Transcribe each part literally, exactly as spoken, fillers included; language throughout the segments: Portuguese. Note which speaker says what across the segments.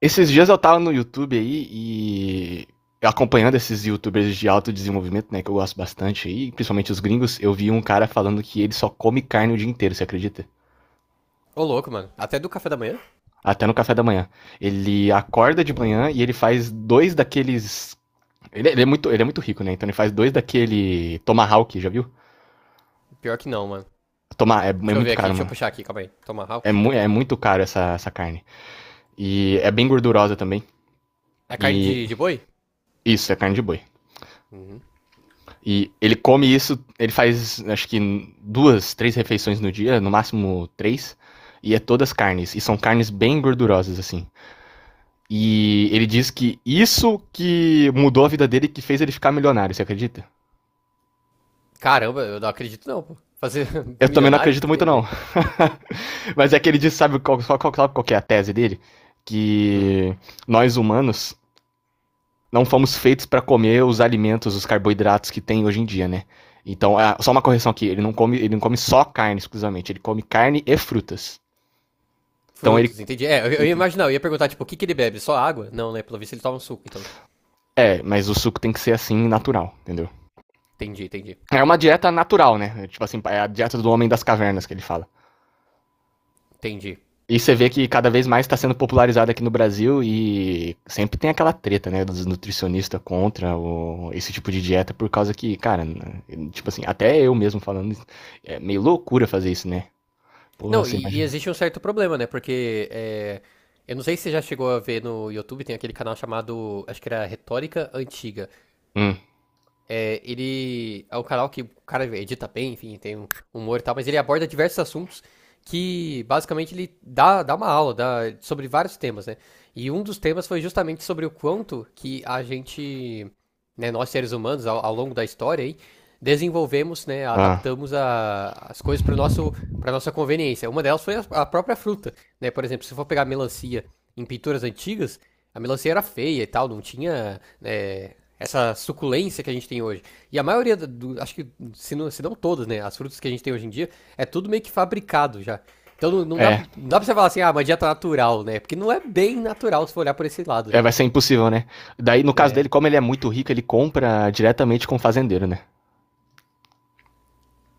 Speaker 1: Esses dias eu tava no YouTube aí e acompanhando esses youtubers de alto desenvolvimento, né, que eu gosto bastante aí, principalmente os gringos, eu vi um cara falando que ele só come carne o dia inteiro, você acredita?
Speaker 2: Ô, louco, mano. Até do café da manhã?
Speaker 1: Até no café da manhã. Ele acorda de manhã e ele faz dois daqueles ele, ele é muito, ele é muito rico, né? Então ele faz dois daquele Tomahawk, já viu?
Speaker 2: Pior que não, mano.
Speaker 1: Toma, é, é
Speaker 2: Deixa eu ver
Speaker 1: muito
Speaker 2: aqui,
Speaker 1: caro,
Speaker 2: deixa eu
Speaker 1: mano.
Speaker 2: puxar aqui, calma aí. Tomahawk.
Speaker 1: É, mu é muito caro essa, essa carne. E é bem gordurosa também.
Speaker 2: É carne
Speaker 1: E
Speaker 2: de, de boi?
Speaker 1: isso, é carne de boi.
Speaker 2: Uhum.
Speaker 1: E ele come isso, ele faz acho que duas, três refeições no dia, no máximo três, e é todas carnes, e são carnes bem gordurosas assim. E ele diz que isso que mudou a vida dele, que fez ele ficar milionário, você acredita?
Speaker 2: Caramba, eu não acredito não, pô. Fazer
Speaker 1: Eu também não
Speaker 2: milionário, o que,
Speaker 1: acredito
Speaker 2: que tem
Speaker 1: muito
Speaker 2: a
Speaker 1: não.
Speaker 2: ver?
Speaker 1: Mas é que ele diz, sabe qual, qual, qual, qual que é a tese dele?
Speaker 2: Hum.
Speaker 1: Que nós humanos não fomos feitos para comer os alimentos, os carboidratos que tem hoje em dia, né? Então, é só uma correção aqui, ele não come, ele não come só carne exclusivamente, ele come carne e frutas. Então ele
Speaker 2: Frutos, entendi. É, eu, eu ia imaginar, eu ia perguntar, tipo, o que, que ele bebe? Só água? Não, né? Pelo visto ele toma um suco, então.
Speaker 1: é, mas o suco tem que ser assim natural, entendeu?
Speaker 2: Entendi, entendi.
Speaker 1: É uma dieta natural, né? É, tipo assim, é a dieta do homem das cavernas que ele fala.
Speaker 2: Entendi.
Speaker 1: E você vê que cada vez mais está sendo popularizada aqui no Brasil e sempre tem aquela treta, né, dos nutricionistas contra o- esse tipo de dieta por causa que, cara, né, tipo assim, até eu mesmo falando, é meio loucura fazer isso, né? Porra,
Speaker 2: Não,
Speaker 1: você
Speaker 2: e, e
Speaker 1: imagina.
Speaker 2: existe um certo problema, né? Porque é, eu não sei se você já chegou a ver no YouTube, tem aquele canal chamado, acho que era Retórica Antiga.
Speaker 1: Hum.
Speaker 2: É, ele é um canal que o cara edita bem, enfim, tem um humor e tal, mas ele aborda diversos assuntos que basicamente ele dá, dá uma aula dá, sobre vários temas, né? E um dos temas foi justamente sobre o quanto que a gente, né, nós seres humanos, ao, ao longo da história aí, desenvolvemos, né,
Speaker 1: Ah.
Speaker 2: adaptamos a- as coisas para nosso para nossa conveniência. Uma delas foi a, a própria fruta, né? Por exemplo, se for pegar melancia em pinturas antigas, a melancia era feia e tal, não tinha, né, essa suculência que a gente tem hoje. E a maioria, do, acho que se não, se não todas, né, as frutas que a gente tem hoje em dia, é tudo meio que fabricado já. Então não, não dá,
Speaker 1: É.
Speaker 2: não dá pra você falar assim, ah, uma dieta natural, né? Porque não é bem natural se for olhar por esse lado, né?
Speaker 1: É, vai ser impossível, né? Daí, no caso
Speaker 2: É,
Speaker 1: dele, como ele é muito rico, ele compra diretamente com o fazendeiro, né?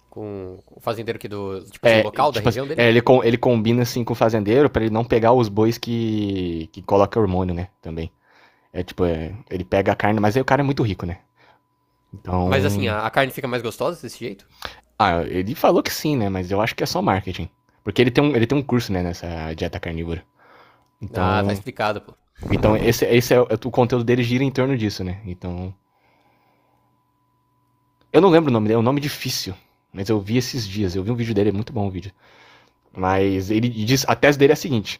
Speaker 2: com o fazendeiro aqui do, tipo assim,
Speaker 1: É,
Speaker 2: local da
Speaker 1: tipo assim,
Speaker 2: região dele.
Speaker 1: é, ele, com- ele combina assim com o fazendeiro pra ele não pegar os bois que, que coloca hormônio, né? Também. É tipo, é, ele pega a carne, mas aí o cara é muito rico, né?
Speaker 2: Mas assim,
Speaker 1: Então.
Speaker 2: a, a carne fica mais gostosa desse jeito?
Speaker 1: Ah, ele falou que sim, né? Mas eu acho que é só marketing. Porque ele tem um, ele tem um curso, né, nessa dieta carnívora.
Speaker 2: Ah, tá
Speaker 1: Então.
Speaker 2: explicado, pô.
Speaker 1: Então, esse, esse é o o conteúdo dele gira em torno disso, né? Então. Eu não lembro o nome dele, é um nome difícil. Mas eu vi esses dias, eu vi um vídeo dele, é muito bom o vídeo. Mas ele diz, a tese dele é a seguinte: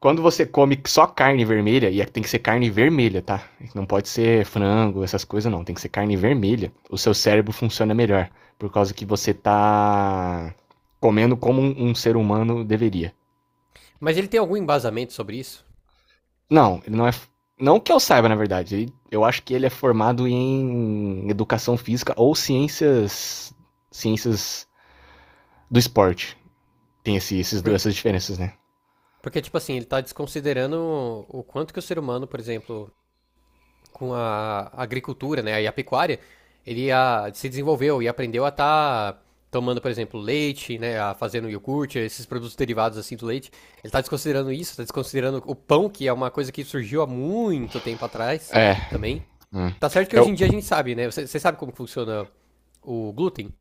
Speaker 1: quando você come só carne vermelha, e é tem que ser carne vermelha, tá? Não pode ser frango, essas coisas não, tem que ser carne vermelha. O seu cérebro funciona melhor, por causa que você tá comendo como um, um ser humano deveria.
Speaker 2: Mas ele tem algum embasamento sobre isso?
Speaker 1: Não, ele não é, não que eu saiba, na verdade. Ele- Eu acho que ele é formado em educação física ou ciências, ciências do esporte. Tem esse, esses, dois-
Speaker 2: Por-
Speaker 1: essas diferenças, né?
Speaker 2: Porque, tipo assim, ele tá desconsiderando o quanto que o ser humano, por exemplo, com a agricultura, né, e a pecuária, ele ah, se desenvolveu e aprendeu a estar tomando, por exemplo, leite, né, a fazendo iogurte, esses produtos derivados assim do leite. Ele está desconsiderando isso, está desconsiderando o pão, que é uma coisa que surgiu há muito tempo atrás
Speaker 1: É.
Speaker 2: também.
Speaker 1: Hum.
Speaker 2: Tá certo que hoje
Speaker 1: Eu,
Speaker 2: em dia a gente sabe, né? Você, você sabe como funciona o glúten?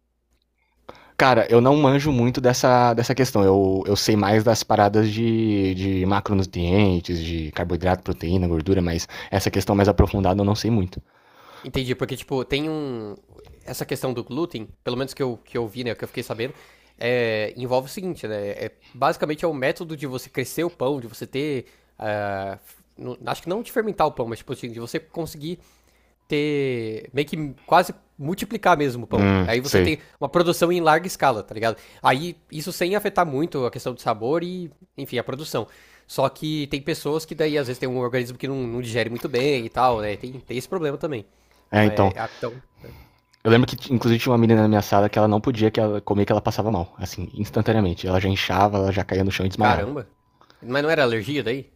Speaker 1: cara, eu não manjo muito dessa, dessa questão. Eu, eu sei mais das paradas de, de macronutrientes, de carboidrato, proteína, gordura, mas essa questão mais aprofundada eu não sei muito.
Speaker 2: Entendi, porque, tipo, tem um. Essa questão do glúten, pelo menos que eu, que eu vi, né, que eu fiquei sabendo, é, envolve o seguinte, né? É, basicamente é o método de você crescer o pão, de você ter. Ah, f- não- acho que não de fermentar o pão, mas, tipo, assim, de você conseguir ter. Meio que quase multiplicar mesmo o pão.
Speaker 1: Hum,
Speaker 2: Aí você
Speaker 1: sei.
Speaker 2: tem uma produção em larga escala, tá ligado? Aí isso sem afetar muito a questão do sabor e, enfim, a produção. Só que tem pessoas que daí às vezes tem um organismo que não, não digere muito bem e tal, né? Tem, tem esse problema também.
Speaker 1: É,
Speaker 2: Mas,
Speaker 1: então.
Speaker 2: é, ah, então,
Speaker 1: Eu lembro que, inclusive, tinha uma menina na minha sala que ela não podia que ela comer que ela passava mal, assim, instantaneamente. Ela já inchava, ela já caía no chão e desmaiava.
Speaker 2: caramba. Mas não era alergia daí?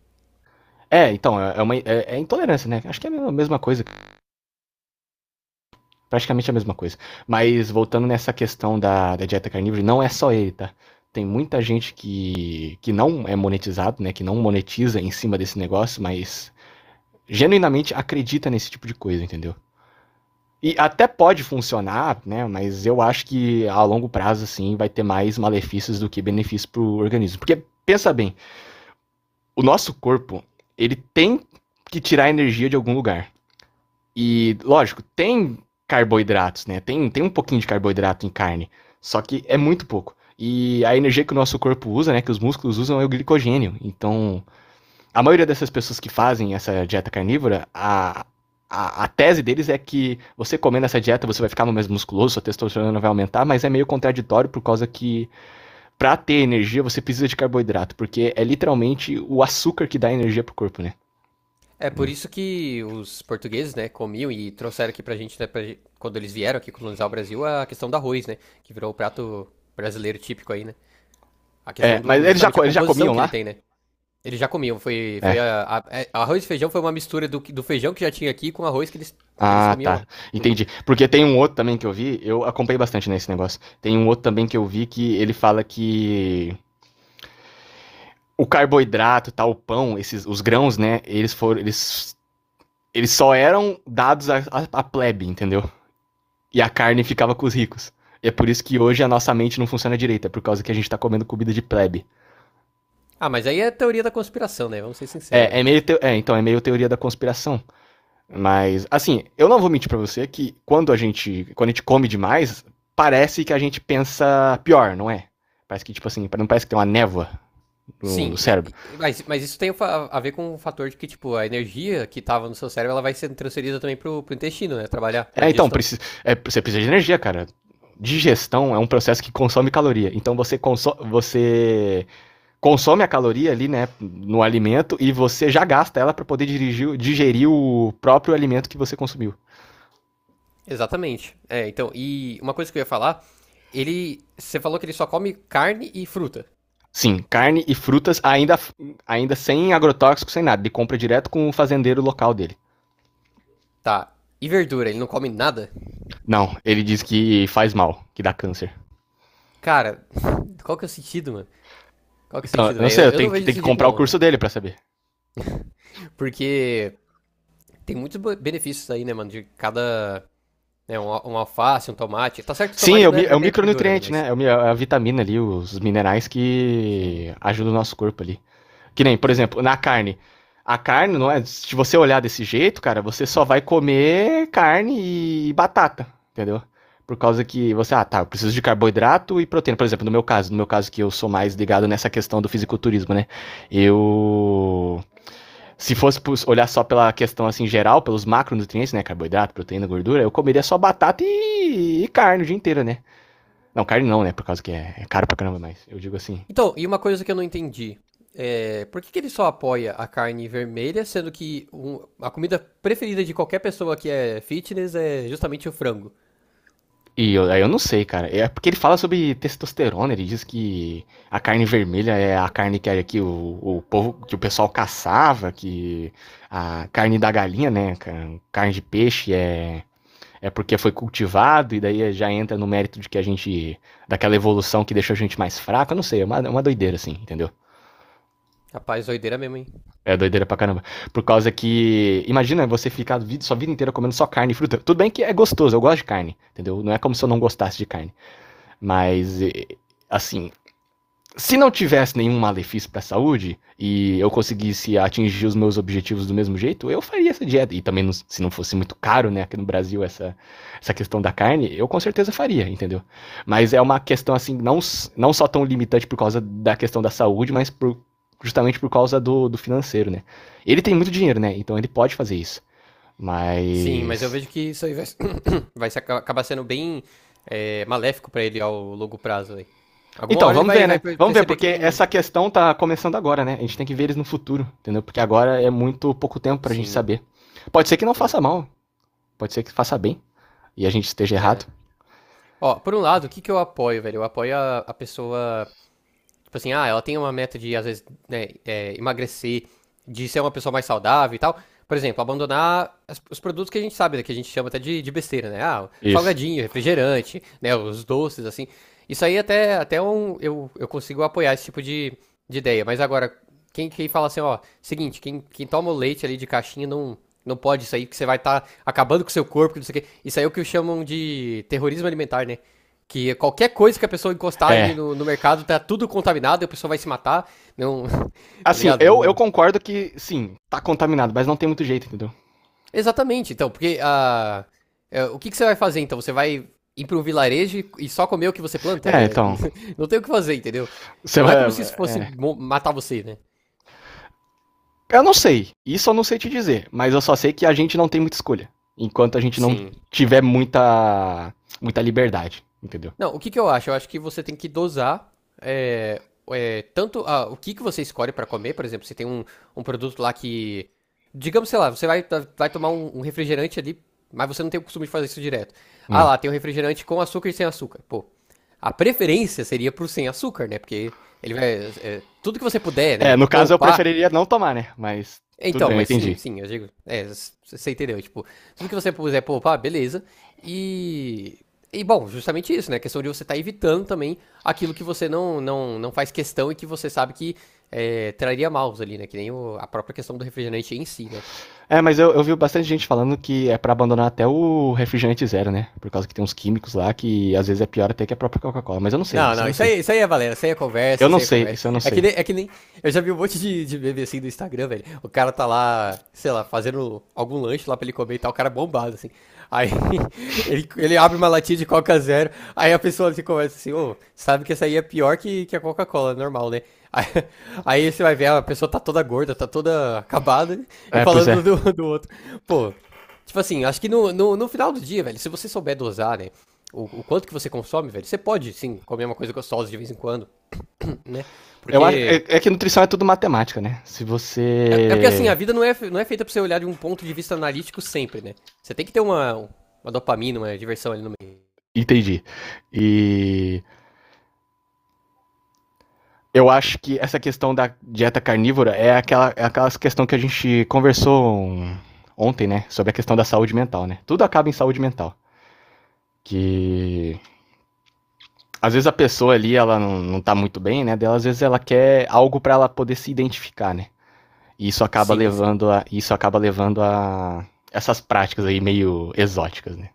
Speaker 1: É, então, é, é uma, é, é intolerância, né? Acho que é a mesma mesma coisa, praticamente a mesma coisa. Mas voltando nessa questão da, da dieta carnívora, não é só ele, tá? Tem muita gente que, que não é monetizado, né? Que não monetiza em cima desse negócio, mas genuinamente acredita nesse tipo de coisa, entendeu? E até pode funcionar, né? Mas eu acho que a longo prazo, assim, vai ter mais malefícios do que benefícios pro organismo. Porque, pensa bem, o nosso corpo, ele tem que tirar energia de algum lugar. E, lógico, tem carboidratos, né? Tem, tem um pouquinho de carboidrato em carne, só que é muito pouco. E a energia que o nosso corpo usa, né, que os músculos usam, é o glicogênio. Então, a maioria dessas pessoas que fazem essa dieta carnívora, a, a, a tese deles é que você comendo essa dieta você vai ficar mais musculoso, sua testosterona vai aumentar, mas é meio contraditório por causa que, para ter energia, você precisa de carboidrato, porque é literalmente o açúcar que dá energia pro corpo, né?
Speaker 2: É por isso que os portugueses, né, comiam e trouxeram aqui pra gente, né, pra- gen- quando eles vieram aqui colonizar o Brasil, a questão do arroz, né, que virou o prato brasileiro típico aí, né? A questão
Speaker 1: É, mas
Speaker 2: do,
Speaker 1: eles já,
Speaker 2: justamente a
Speaker 1: eles já
Speaker 2: composição
Speaker 1: comiam
Speaker 2: que ele
Speaker 1: lá?
Speaker 2: tem, né? Ele já comia foi, foi
Speaker 1: É.
Speaker 2: a, a- é, arroz e feijão foi uma mistura do, que- do feijão que já tinha aqui com arroz que eles, que eles
Speaker 1: Ah,
Speaker 2: comiam lá,
Speaker 1: tá.
Speaker 2: entendeu?
Speaker 1: Entendi. Porque tem um outro também que eu vi, eu acompanhei bastante nesse negócio. Tem um outro também que eu vi que ele fala que o carboidrato, tal, o pão, esses, os grãos, né? Eles foram, eles, eles só eram dados à, à, à plebe, entendeu? E a carne ficava com os ricos. E é por isso que hoje a nossa mente não funciona direito, é por causa que a gente tá comendo comida de plebe.
Speaker 2: Ah, mas aí é teoria da conspiração, né? Vamos ser sinceros,
Speaker 1: É,
Speaker 2: né?
Speaker 1: é meio, teo- é, então é meio teoria da conspiração. Mas, assim, eu não vou mentir pra você que quando a gente. quando a gente come demais, parece que a gente pensa pior, não é? Parece que, tipo assim, não parece que tem uma névoa no, no
Speaker 2: Sim,
Speaker 1: cérebro.
Speaker 2: e- e- mas, mas isso tem fa- a ver com o fator de que, tipo, a energia que tava no seu cérebro, ela vai sendo transferida também pro, pro intestino, né? Trabalhar na
Speaker 1: É, então,
Speaker 2: digestão.
Speaker 1: precisa, é, você precisa de energia, cara. Digestão é um processo que consome caloria. Então você, conso- você consome a caloria ali, né, no alimento e você já gasta ela pra poder dirigir, digerir o próprio alimento que você consumiu.
Speaker 2: Exatamente. É, então, e uma coisa que eu ia falar, ele, você falou que ele só come carne e fruta,
Speaker 1: Sim, carne e frutas ainda, ainda sem agrotóxico, sem nada. Ele compra direto com o fazendeiro local dele.
Speaker 2: tá? E verdura, ele não come nada?
Speaker 1: Não, ele diz que faz mal, que dá câncer.
Speaker 2: Cara, qual que é o sentido, mano? Qual que é o
Speaker 1: Então,
Speaker 2: sentido,
Speaker 1: eu não
Speaker 2: velho?
Speaker 1: sei, eu
Speaker 2: Eu, eu não
Speaker 1: tenho que,
Speaker 2: vejo
Speaker 1: tenho
Speaker 2: desse
Speaker 1: que
Speaker 2: jeito,
Speaker 1: comprar o
Speaker 2: não, né?
Speaker 1: curso dele para saber.
Speaker 2: Porque tem muitos bo- benefícios aí, né, mano? De cada. Né, um, al- um alface, um tomate. Tá certo que o
Speaker 1: Sim, é
Speaker 2: tomate não
Speaker 1: o,
Speaker 2: é, não
Speaker 1: é
Speaker 2: é
Speaker 1: o
Speaker 2: bem verdura, né?
Speaker 1: micronutriente,
Speaker 2: Mas.
Speaker 1: né? É é a vitamina ali, os minerais
Speaker 2: Sim,
Speaker 1: que ajudam o nosso corpo ali. Que nem, por
Speaker 2: sim.
Speaker 1: exemplo, na carne. A carne, não é? Se você olhar desse jeito, cara, você só vai comer carne e batata, entendeu? Por causa que você, ah, tá, eu preciso de carboidrato e proteína. Por exemplo, no meu caso, no meu caso que eu sou mais ligado nessa questão do fisiculturismo, né? Eu. Se fosse olhar só pela questão assim geral, pelos macronutrientes, né? Carboidrato, proteína, gordura, eu comeria só batata e, e carne o dia inteiro, né? Não, carne não, né? Por causa que é, é caro pra caramba, mas eu digo assim.
Speaker 2: Então, e uma coisa que eu não entendi. É, por que que ele só apoia a carne vermelha, sendo que um- a comida preferida de qualquer pessoa que é fitness é justamente o frango?
Speaker 1: E eu, aí eu não sei, cara. É porque ele fala sobre testosterona, ele diz que a carne vermelha é a carne que, é, que o, o povo, que o pessoal caçava, que a carne da galinha, né, cara, carne de peixe é é porque foi cultivado e daí já entra no mérito de que a gente daquela evolução que deixou a gente mais fraco, eu não sei, é uma, é uma doideira assim, entendeu?
Speaker 2: Rapaz, doideira mesmo, hein?
Speaker 1: É doideira pra caramba. Por causa que, imagina você ficar a sua vida inteira comendo só carne e fruta. Tudo bem que é gostoso, eu gosto de carne, entendeu? Não é como se eu não gostasse de carne. Mas, assim, se não tivesse nenhum malefício para a saúde e eu conseguisse atingir os meus objetivos do mesmo jeito, eu faria essa dieta. E também, se não fosse muito caro, né, aqui no Brasil, essa, essa questão da carne, eu com certeza faria, entendeu? Mas é uma questão, assim, não, não só tão limitante por causa da questão da saúde, mas por, justamente por causa do, do financeiro, né? Ele tem muito dinheiro, né? Então ele pode fazer isso.
Speaker 2: Sim, mas eu
Speaker 1: Mas.
Speaker 2: vejo que isso aí vai, vai se- aca- acabar sendo bem é, maléfico pra ele ao longo prazo aí. Alguma
Speaker 1: Então,
Speaker 2: hora ele
Speaker 1: vamos
Speaker 2: vai,
Speaker 1: ver,
Speaker 2: vai
Speaker 1: né?
Speaker 2: per-
Speaker 1: Vamos ver,
Speaker 2: perceber que
Speaker 1: porque
Speaker 2: não.
Speaker 1: essa questão tá começando agora, né? A gente tem que ver eles no futuro, entendeu? Porque agora é muito pouco tempo pra gente
Speaker 2: Sim,
Speaker 1: saber. Pode ser que não
Speaker 2: sim.
Speaker 1: faça mal, pode ser que faça bem e a gente esteja
Speaker 2: É.
Speaker 1: errado.
Speaker 2: Ó, por um lado, o que que eu apoio, velho? Eu apoio a, a pessoa. Tipo assim, ah, ela tem uma meta de, às vezes, né, é, emagrecer, de ser uma pessoa mais saudável e tal. Por exemplo, abandonar as- os produtos que a gente sabe, né, que a gente chama até de, de besteira, né? Ah,
Speaker 1: Isso.
Speaker 2: salgadinho, refrigerante, né, os doces, assim. Isso aí até, até um, eu, eu consigo apoiar esse tipo de, de ideia. Mas agora, quem, quem fala assim, ó, seguinte, quem, quem toma o leite ali de caixinha não, não pode isso aí, que você vai estar acabando com o seu corpo, que não sei o quê. Isso aí é o que chamam de terrorismo alimentar, né? Que qualquer coisa que a pessoa encostar ali
Speaker 1: É.
Speaker 2: no, no mercado tá tudo contaminado, e a pessoa vai se matar. Não. Tá
Speaker 1: Assim,
Speaker 2: ligado?
Speaker 1: eu, eu
Speaker 2: Não.
Speaker 1: concordo que, sim, tá contaminado, mas não tem muito jeito, entendeu?
Speaker 2: Exatamente, então, porque ah, é, o que que você vai fazer então? Você vai ir para um vilarejo e- e só comer o que você planta?
Speaker 1: É,
Speaker 2: É,
Speaker 1: então.
Speaker 2: não tem o que fazer, entendeu?
Speaker 1: Você
Speaker 2: Não é
Speaker 1: vai.
Speaker 2: como se isso fosse
Speaker 1: É.
Speaker 2: mo- matar você, né?
Speaker 1: Eu não sei. Isso eu não sei te dizer, mas eu só sei que a gente não tem muita escolha. Enquanto a gente não
Speaker 2: Sim.
Speaker 1: tiver muita. muita liberdade, entendeu?
Speaker 2: Não, o que que eu acho? Eu acho que você tem que dosar é, é, tanto ah, o que que você escolhe pra comer, por exemplo, você tem um, um produto lá que, digamos, sei lá, você vai, to- vai tomar um, um refrigerante ali, mas você não tem o costume de fazer isso direto. Ah
Speaker 1: Hum.
Speaker 2: lá, tem um refrigerante com açúcar e sem açúcar. Pô, a preferência seria pro sem açúcar, né? Porque ele vai, é, tudo que você puder,
Speaker 1: É,
Speaker 2: né,
Speaker 1: no caso eu
Speaker 2: poupar,
Speaker 1: preferiria não tomar, né? Mas tudo
Speaker 2: então,
Speaker 1: bem, eu
Speaker 2: mas sim,
Speaker 1: entendi.
Speaker 2: sim, eu digo. É, s- você entendeu? Tipo, tudo que você puder poupar, beleza. E. E bom, justamente isso, né? A questão de você estar evitando também aquilo que você não, não, não faz questão e que você sabe que é, traria maus ali, né? Que nem o- a própria questão do refrigerante em si, né?
Speaker 1: É, mas eu, eu vi bastante gente falando que é pra abandonar até o refrigerante zero, né? Por causa que tem uns químicos lá que às vezes é pior até que a própria Coca-Cola. Mas eu não sei,
Speaker 2: Não,
Speaker 1: isso
Speaker 2: não,
Speaker 1: eu não
Speaker 2: isso
Speaker 1: sei.
Speaker 2: aí, isso aí é valendo. Isso aí é conversa,
Speaker 1: Eu
Speaker 2: isso
Speaker 1: não
Speaker 2: aí é
Speaker 1: sei,
Speaker 2: conversa.
Speaker 1: isso eu não
Speaker 2: É que
Speaker 1: sei.
Speaker 2: nem, é que nem, eu já vi um monte de, de meme assim do Instagram, velho. O cara tá lá, sei lá, fazendo algum lanche lá pra ele comer e tal, o cara é bombado, assim. Aí ele, ele abre uma latinha de Coca Zero, aí a pessoa se conversa assim, ô, sabe que essa aí é pior que, que a Coca-Cola, normal, né? Aí, aí você vai ver, a pessoa tá toda gorda, tá toda acabada, né? E
Speaker 1: É, pois é.
Speaker 2: falando do, do outro. Pô, tipo assim, acho que no, no, no final do dia, velho, se você souber dosar, né? O, o quanto que você consome, velho, você pode, sim, comer uma coisa gostosa de vez em quando, né?
Speaker 1: Eu acho, é,
Speaker 2: Porque.
Speaker 1: é que nutrição é tudo matemática, né? Se
Speaker 2: É, é porque assim, a
Speaker 1: você.
Speaker 2: vida não é, não é feita pra você olhar de um ponto de vista analítico sempre, né? Você tem que ter uma, uma dopamina, uma diversão ali no meio.
Speaker 1: Entendi. E eu acho que essa questão da dieta carnívora é aquela, é aquela questão que a gente conversou um- ontem, né? Sobre a questão da saúde mental, né? Tudo acaba em saúde mental. Que às vezes a pessoa ali ela não, não tá muito bem, né? Dela às vezes ela quer algo para ela poder se identificar, né? E isso acaba
Speaker 2: Sim, sim.
Speaker 1: levando a isso acaba levando a essas práticas aí meio exóticas, né?